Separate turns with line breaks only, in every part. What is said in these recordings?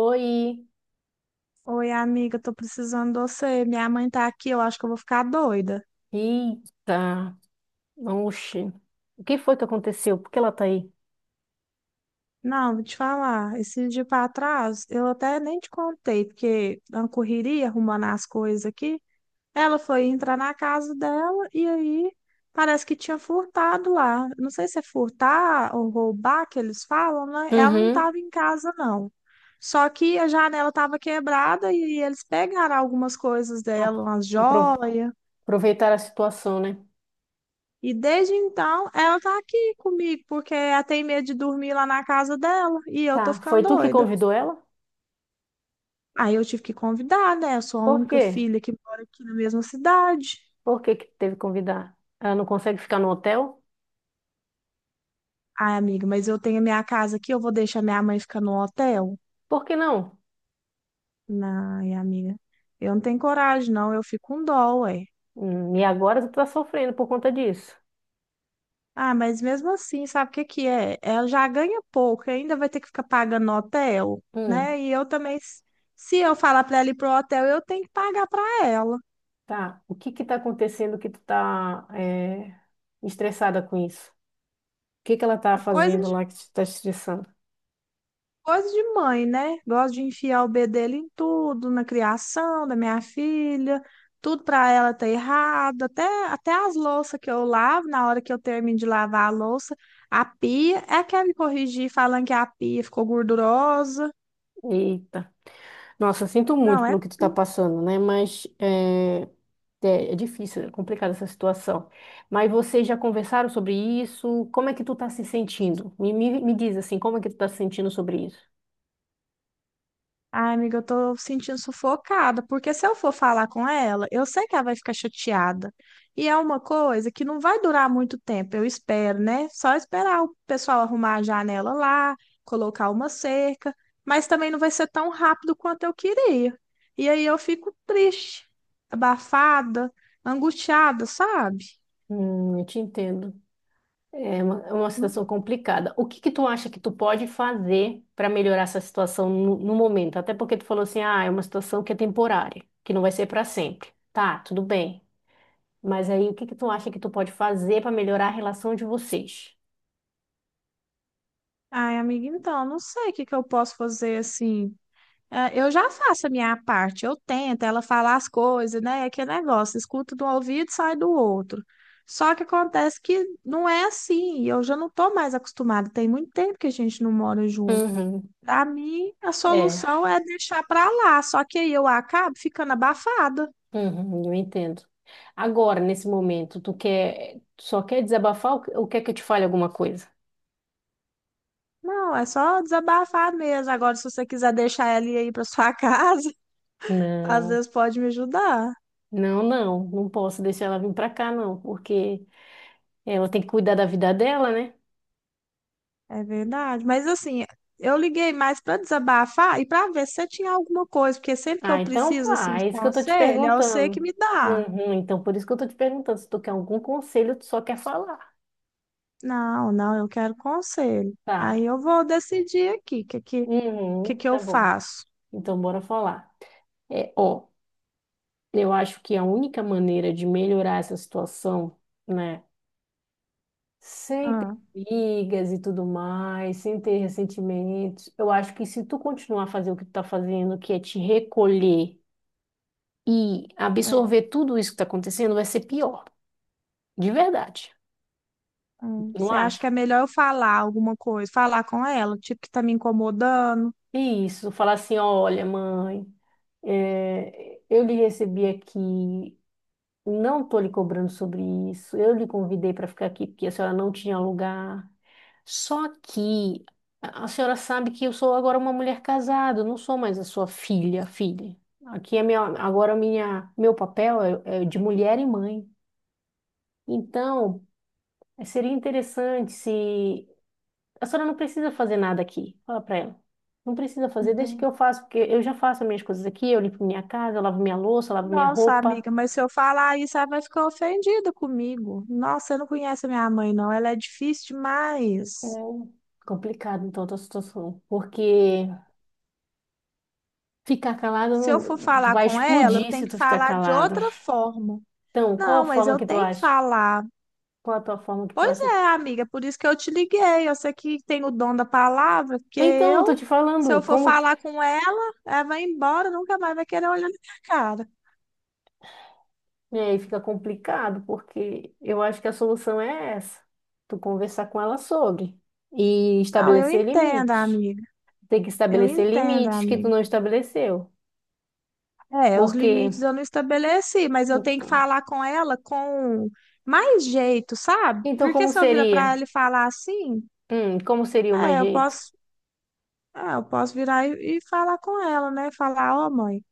Oi,
Oi, amiga, tô precisando de você. Minha mãe tá aqui, eu acho que eu vou ficar doida.
eita, oxe, o que foi que aconteceu? Por que ela tá aí?
Não, vou te falar, esse dia pra trás, eu até nem te contei, porque uma correria arrumando as coisas aqui. Ela foi entrar na casa dela e aí parece que tinha furtado lá. Não sei se é furtar ou roubar que eles falam, né? Ela não
Uhum.
tava em casa, não. Só que a janela tava quebrada e eles pegaram algumas coisas
A-
dela, umas
apro-
joias.
Aproveitar a situação, né?
E desde então, ela tá aqui comigo, porque ela tem medo de dormir lá na casa dela e eu tô
Tá,
ficando
foi tu que
doida.
convidou ela?
Aí eu tive que convidar, né? Eu sou a
Por
única
quê?
filha que mora aqui na mesma cidade.
Por que que teve que convidar? Ela não consegue ficar no hotel?
Ai, amiga, mas eu tenho a minha casa aqui, eu vou deixar minha mãe ficar no hotel?
Por que não?
Ai, amiga, eu não tenho coragem, não, eu fico com dó, ué.
E agora tu tá sofrendo por conta disso.
Ah, mas mesmo assim, sabe o que que é? Ela já ganha pouco, ainda vai ter que ficar pagando no hotel,
Hum,
né? E eu também, se eu falar pra ela ir pro hotel, eu tenho que pagar pra ela.
tá. O que que tá acontecendo que tu tá estressada com isso? O que que ela tá
A coisa
fazendo lá que te tá estressando?
Coisa de mãe, né? Gosto de enfiar o bedelho dele em tudo, na criação da minha filha, tudo para ela tá errado, até as louças que eu lavo, na hora que eu termino de lavar a louça, a pia, é quer me corrigir falando que a pia ficou gordurosa.
Eita. Nossa, eu sinto muito
Não, é
pelo que tu tá passando, né? É, é difícil, é complicada essa situação. Mas vocês já conversaram sobre isso? Como é que tu tá se sentindo? Me diz assim, como é que tu tá se sentindo sobre isso?
Ai, amiga, eu tô sentindo sufocada, porque se eu for falar com ela, eu sei que ela vai ficar chateada. E é uma coisa que não vai durar muito tempo, eu espero, né? Só esperar o pessoal arrumar a janela lá, colocar uma cerca, mas também não vai ser tão rápido quanto eu queria. E aí eu fico triste, abafada, angustiada, sabe?
Eu te entendo. É uma
Não-
situação complicada. O que que tu acha que tu pode fazer para melhorar essa situação no momento? Até porque tu falou assim, ah, é uma situação que é temporária, que não vai ser para sempre. Tá, tudo bem. Mas aí, o que que tu acha que tu pode fazer para melhorar a relação de vocês?
Ai, amiga, então, não sei o que que eu posso fazer assim. É, eu já faço a minha parte, eu tento, ela fala as coisas, né? É aquele negócio, escuta de um ouvido e sai do outro. Só que acontece que não é assim, eu já não tô mais acostumada, tem muito tempo que a gente não mora junto.
Uhum,
Pra mim, a
é,
solução é deixar pra lá, só que aí eu acabo ficando abafada.
uhum, eu entendo. Agora, nesse momento, tu só quer desabafar ou quer que eu te fale alguma coisa?
Não, é só desabafar mesmo. Agora, se você quiser deixar ela ir aí pra sua casa, às
Não,
vezes pode me ajudar.
não, não posso deixar ela vir pra cá, não, porque ela tem que cuidar da vida dela, né?
É verdade, mas assim, eu liguei mais para desabafar e para ver se você tinha alguma coisa, porque sempre que
Ah,
eu
então
preciso assim
tá,
de
é isso que eu tô te
conselho, é você que
perguntando.
me dá.
Uhum, então por isso que eu tô te perguntando, se tu quer algum conselho, tu só quer falar.
Não, não, eu quero conselho. Aí
Tá.
eu vou decidir aqui o que, que, que,
Uhum,
que eu
tá bom.
faço.
Então bora falar. É, ó, eu acho que a única maneira de melhorar essa situação, né, sem ter
Ah,
brigas e tudo mais, sem ter ressentimentos, eu acho que se tu continuar a fazer o que tu tá fazendo, que é te recolher e
é, é.
absorver tudo isso que tá acontecendo, vai ser pior, de verdade. Não
Você acha
acha?
que é melhor eu falar alguma coisa, falar com ela, tipo que tá me incomodando?
E isso, falar assim, olha, mãe, eu lhe recebi aqui, não estou lhe cobrando sobre isso, eu lhe convidei para ficar aqui porque a senhora não tinha lugar. Só que a senhora sabe que eu sou agora uma mulher casada, eu não sou mais a sua filha, filha. Aqui é minha, agora minha, meu papel é de mulher e mãe. Então, seria interessante se a senhora não precisa fazer nada aqui. Fala para ela. Não precisa fazer, deixa que
Entendi.
eu faço, porque eu já faço as minhas coisas aqui, eu limpo minha casa, eu lavo minha louça, eu lavo minha
Nossa,
roupa.
amiga, mas se eu falar isso, ela vai ficar ofendida comigo. Nossa, você não conhece a minha mãe, não. Ela é difícil
É
demais.
complicado, então, a tua situação. Porque ficar calado,
Se eu for
tu
falar
vai
com ela, eu
explodir
tenho
se
que
tu ficar
falar de
calado.
outra forma.
Então, qual a
Não, mas
forma
eu
que tu
tenho que
acha?
falar.
Qual a tua forma que tu
Pois
acha que...
é, amiga, por isso que eu te liguei. Eu sei que tem o dom da palavra, porque
Então, eu tô
eu,
te
se
falando,
eu for
como...
falar com ela, ela vai embora, nunca mais vai querer olhar na minha cara.
E aí fica complicado, porque eu acho que a solução é essa. Tu conversar com ela sobre e
Não, eu
estabelecer
entendo,
limites.
amiga.
Tem que
Eu
estabelecer
entendo,
limites que tu
amiga.
não estabeleceu.
É, os
Porque,
limites eu não estabeleci, mas eu tenho que
então,
falar com ela com mais jeito, sabe?
então
Porque
como
se eu virar pra
seria?
ela e falar assim,
Como seria o mais
é, eu
jeito?
posso Ah, eu posso virar e falar com ela, né? Falar, ó, mãe,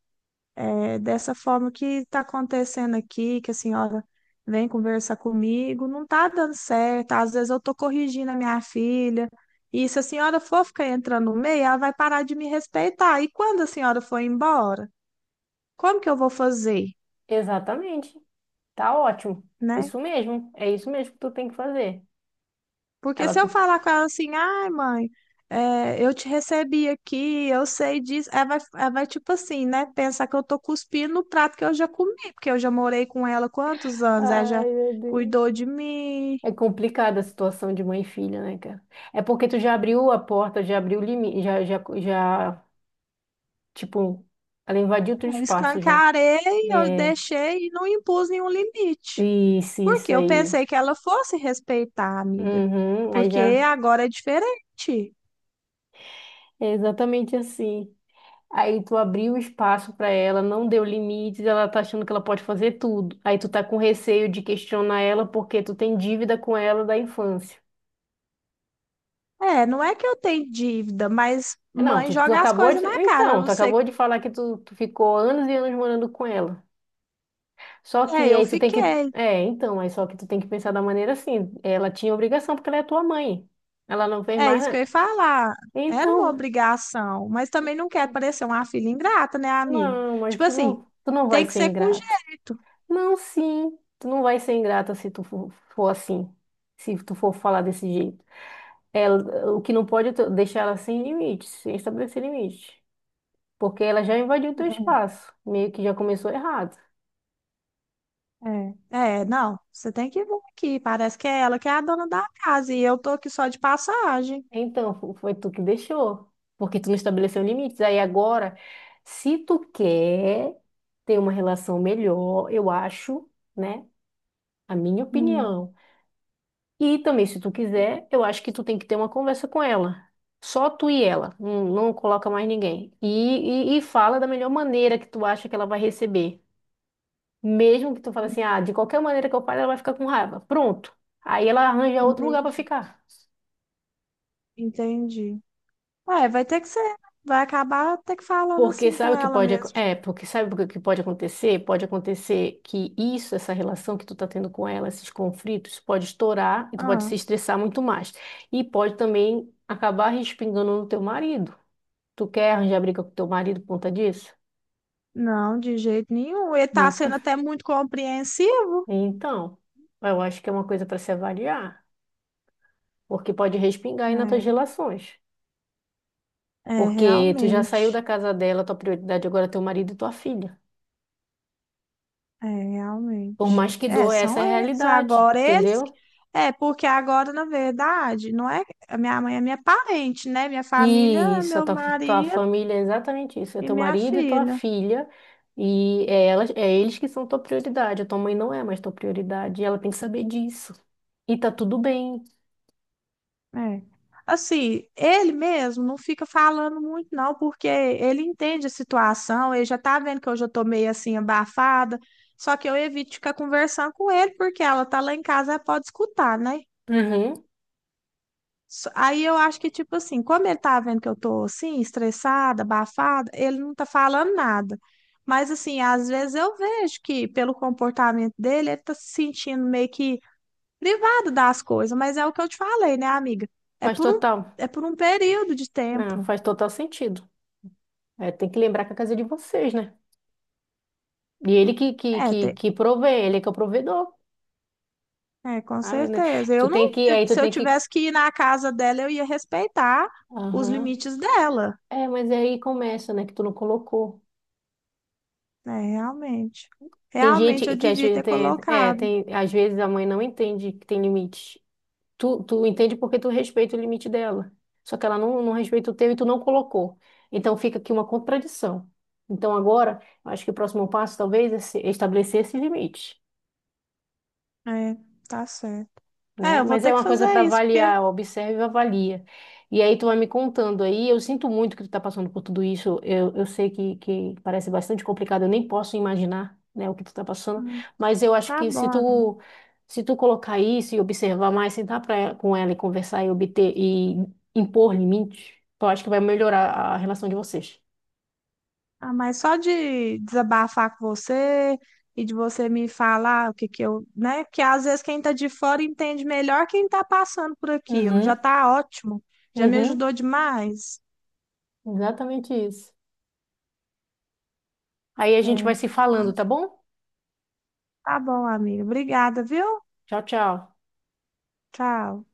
é dessa forma que está acontecendo aqui, que a senhora vem conversar comigo, não tá dando certo. Às vezes eu tô corrigindo a minha filha. E se a senhora for ficar entrando no meio, ela vai parar de me respeitar. E quando a senhora for embora, como que eu vou fazer,
Exatamente. Tá ótimo. É
né?
isso mesmo. É isso mesmo que tu tem que fazer.
Porque
Ela,
se eu falar com ela assim, ai, mãe, é, eu te recebi aqui, eu sei disso, ela vai tipo assim, né? Pensar que eu tô cuspindo no prato que eu já comi, porque eu já morei com ela quantos anos? Ela já
ai, meu Deus.
cuidou de mim,
É complicada a situação de mãe e filha, né, cara? É porque tu já abriu a porta, já abriu o limite, tipo, ela invadiu teu
eu
espaço já.
escancarei, eu
É,
deixei e não impus nenhum limite.
isso
Porque eu
aí.
pensei que ela fosse respeitar, amiga.
Uhum, aí
Porque
já
agora é diferente.
é exatamente assim. Aí tu abriu o espaço pra ela, não deu limites, ela tá achando que ela pode fazer tudo. Aí tu tá com receio de questionar ela porque tu tem dívida com ela da infância.
É, não é que eu tenho dívida, mas
Não,
mãe
tu
joga as
acabou
coisas
de.
na cara. Eu
Então, tu
não sei.
acabou de falar que tu ficou anos e anos morando com ela. Só
É,
que
eu
aí tu tem que.
fiquei.
É, então, aí só que tu tem que pensar da maneira assim. Ela tinha obrigação porque ela é tua mãe. Ela não fez
É
mais.
isso que eu ia falar. Era uma
Então,
obrigação, mas também não quer parecer uma filha ingrata, né, amigo?
não, mas
Tipo assim,
tu não vai
tem que
ser
ser com
ingrato.
jeito.
Não, sim. Tu não vai ser ingrata se tu for, for assim. Se tu for falar desse jeito. É, o que não pode é tu deixar ela sem limites, sem estabelecer limites. Porque ela já invadiu o teu espaço. Meio que já começou errado.
É, é, não, você tem que vir aqui. Parece que é ela que é a dona da casa e eu tô aqui só de passagem.
Então, foi tu que deixou. Porque tu não estabeleceu limites. Aí agora, se tu quer ter uma relação melhor, eu acho, né? A minha
Hum,
opinião. E também, se tu quiser, eu acho que tu tem que ter uma conversa com ela. Só tu e ela, não, não coloca mais ninguém. E fala da melhor maneira que tu acha que ela vai receber. Mesmo que tu fale assim, ah, de qualquer maneira que eu fale, ela vai ficar com raiva. Pronto. Aí ela arranja outro lugar para
entendi,
ficar.
entendi. É, vai ter que ser, vai acabar ter que falando assim com ela mesmo.
Porque sabe o que pode acontecer? Pode acontecer que isso, essa relação que tu tá tendo com ela, esses conflitos, pode estourar e tu pode se
Ah,
estressar muito mais. E pode também acabar respingando no teu marido. Tu quer arranjar briga com teu marido por conta disso?
não, de jeito nenhum. Ele tá
Opa.
sendo até muito compreensivo.
Então, eu acho que é uma coisa para se avaliar, porque pode respingar aí nas tuas relações.
É, é
Porque tu já saiu
realmente.
da casa dela, tua prioridade agora é teu marido e tua filha.
É,
Por
realmente.
mais que
É,
doa, essa
são
é a
eles.
realidade, entendeu?
É, porque agora, na verdade, não é. A minha mãe é minha parente, né? Minha família,
E
é
isso,
meu
tua
marido
família é exatamente isso, é
e
teu
minha
marido e tua
filha.
filha, é eles que são tua prioridade, a tua mãe não é mais tua prioridade, e ela tem que saber disso. E tá tudo bem.
É. Assim, ele mesmo não fica falando muito, não, porque ele entende a situação, ele já tá vendo que eu já tô meio assim abafada. Só que eu evito ficar conversando com ele, porque ela tá lá em casa, ela pode escutar, né?
Uhum,
Aí eu acho que, tipo assim, como ele tá vendo que eu tô assim, estressada, abafada, ele não tá falando nada. Mas, assim, às vezes eu vejo que, pelo comportamento dele, ele tá se sentindo meio que privado das coisas. Mas é o que eu te falei, né, amiga? É
faz
por um,
total.
é por um período de
Não,
tempo.
faz total sentido. É, tem que lembrar que a casa é de vocês, né? E ele que, que,
É,
que,
te-
que provê, ele é que é o provedor.
é, com
Sabe, né?
certeza. Eu não, ia-
Aí tu
Se eu
tem que.
tivesse que ir na casa dela, eu ia respeitar os
Aham.
limites dela.
É, mas aí começa, né? Que tu não colocou.
É, realmente.
Tem
Realmente
gente
eu
que às
devia
vezes
ter colocado.
tem, às vezes a mãe não entende que tem limite. Tu entende porque tu respeita o limite dela. Só que ela não respeita o teu e tu não colocou. Então fica aqui uma contradição. Então agora, eu acho que o próximo passo talvez é é estabelecer esse limite.
É, tá certo. É,
Né?
eu vou
Mas é
ter que
uma coisa
fazer
para
isso, porque
avaliar, observa e avalia. E aí tu vai me contando aí, eu sinto muito que tu tá passando por tudo isso, eu sei que parece bastante complicado, eu nem posso imaginar, né, o que tu tá passando,
hum,
mas eu acho
tá
que
bom, amigo.
se tu colocar isso e observar mais, sentar pra, com ela e conversar e obter e impor limites, eu acho que vai melhorar a relação de vocês.
Ah, mas só de desabafar com você e de você me falar o que que eu, né? Que às vezes quem tá de fora entende melhor quem tá passando por aquilo. Já
Uhum,
tá ótimo, já me
uhum,
ajudou demais.
exatamente isso. Aí a gente vai
É.
se falando,
Ah,
tá bom?
tá bom, amiga. Obrigada, viu?
Tchau, tchau.
Tchau.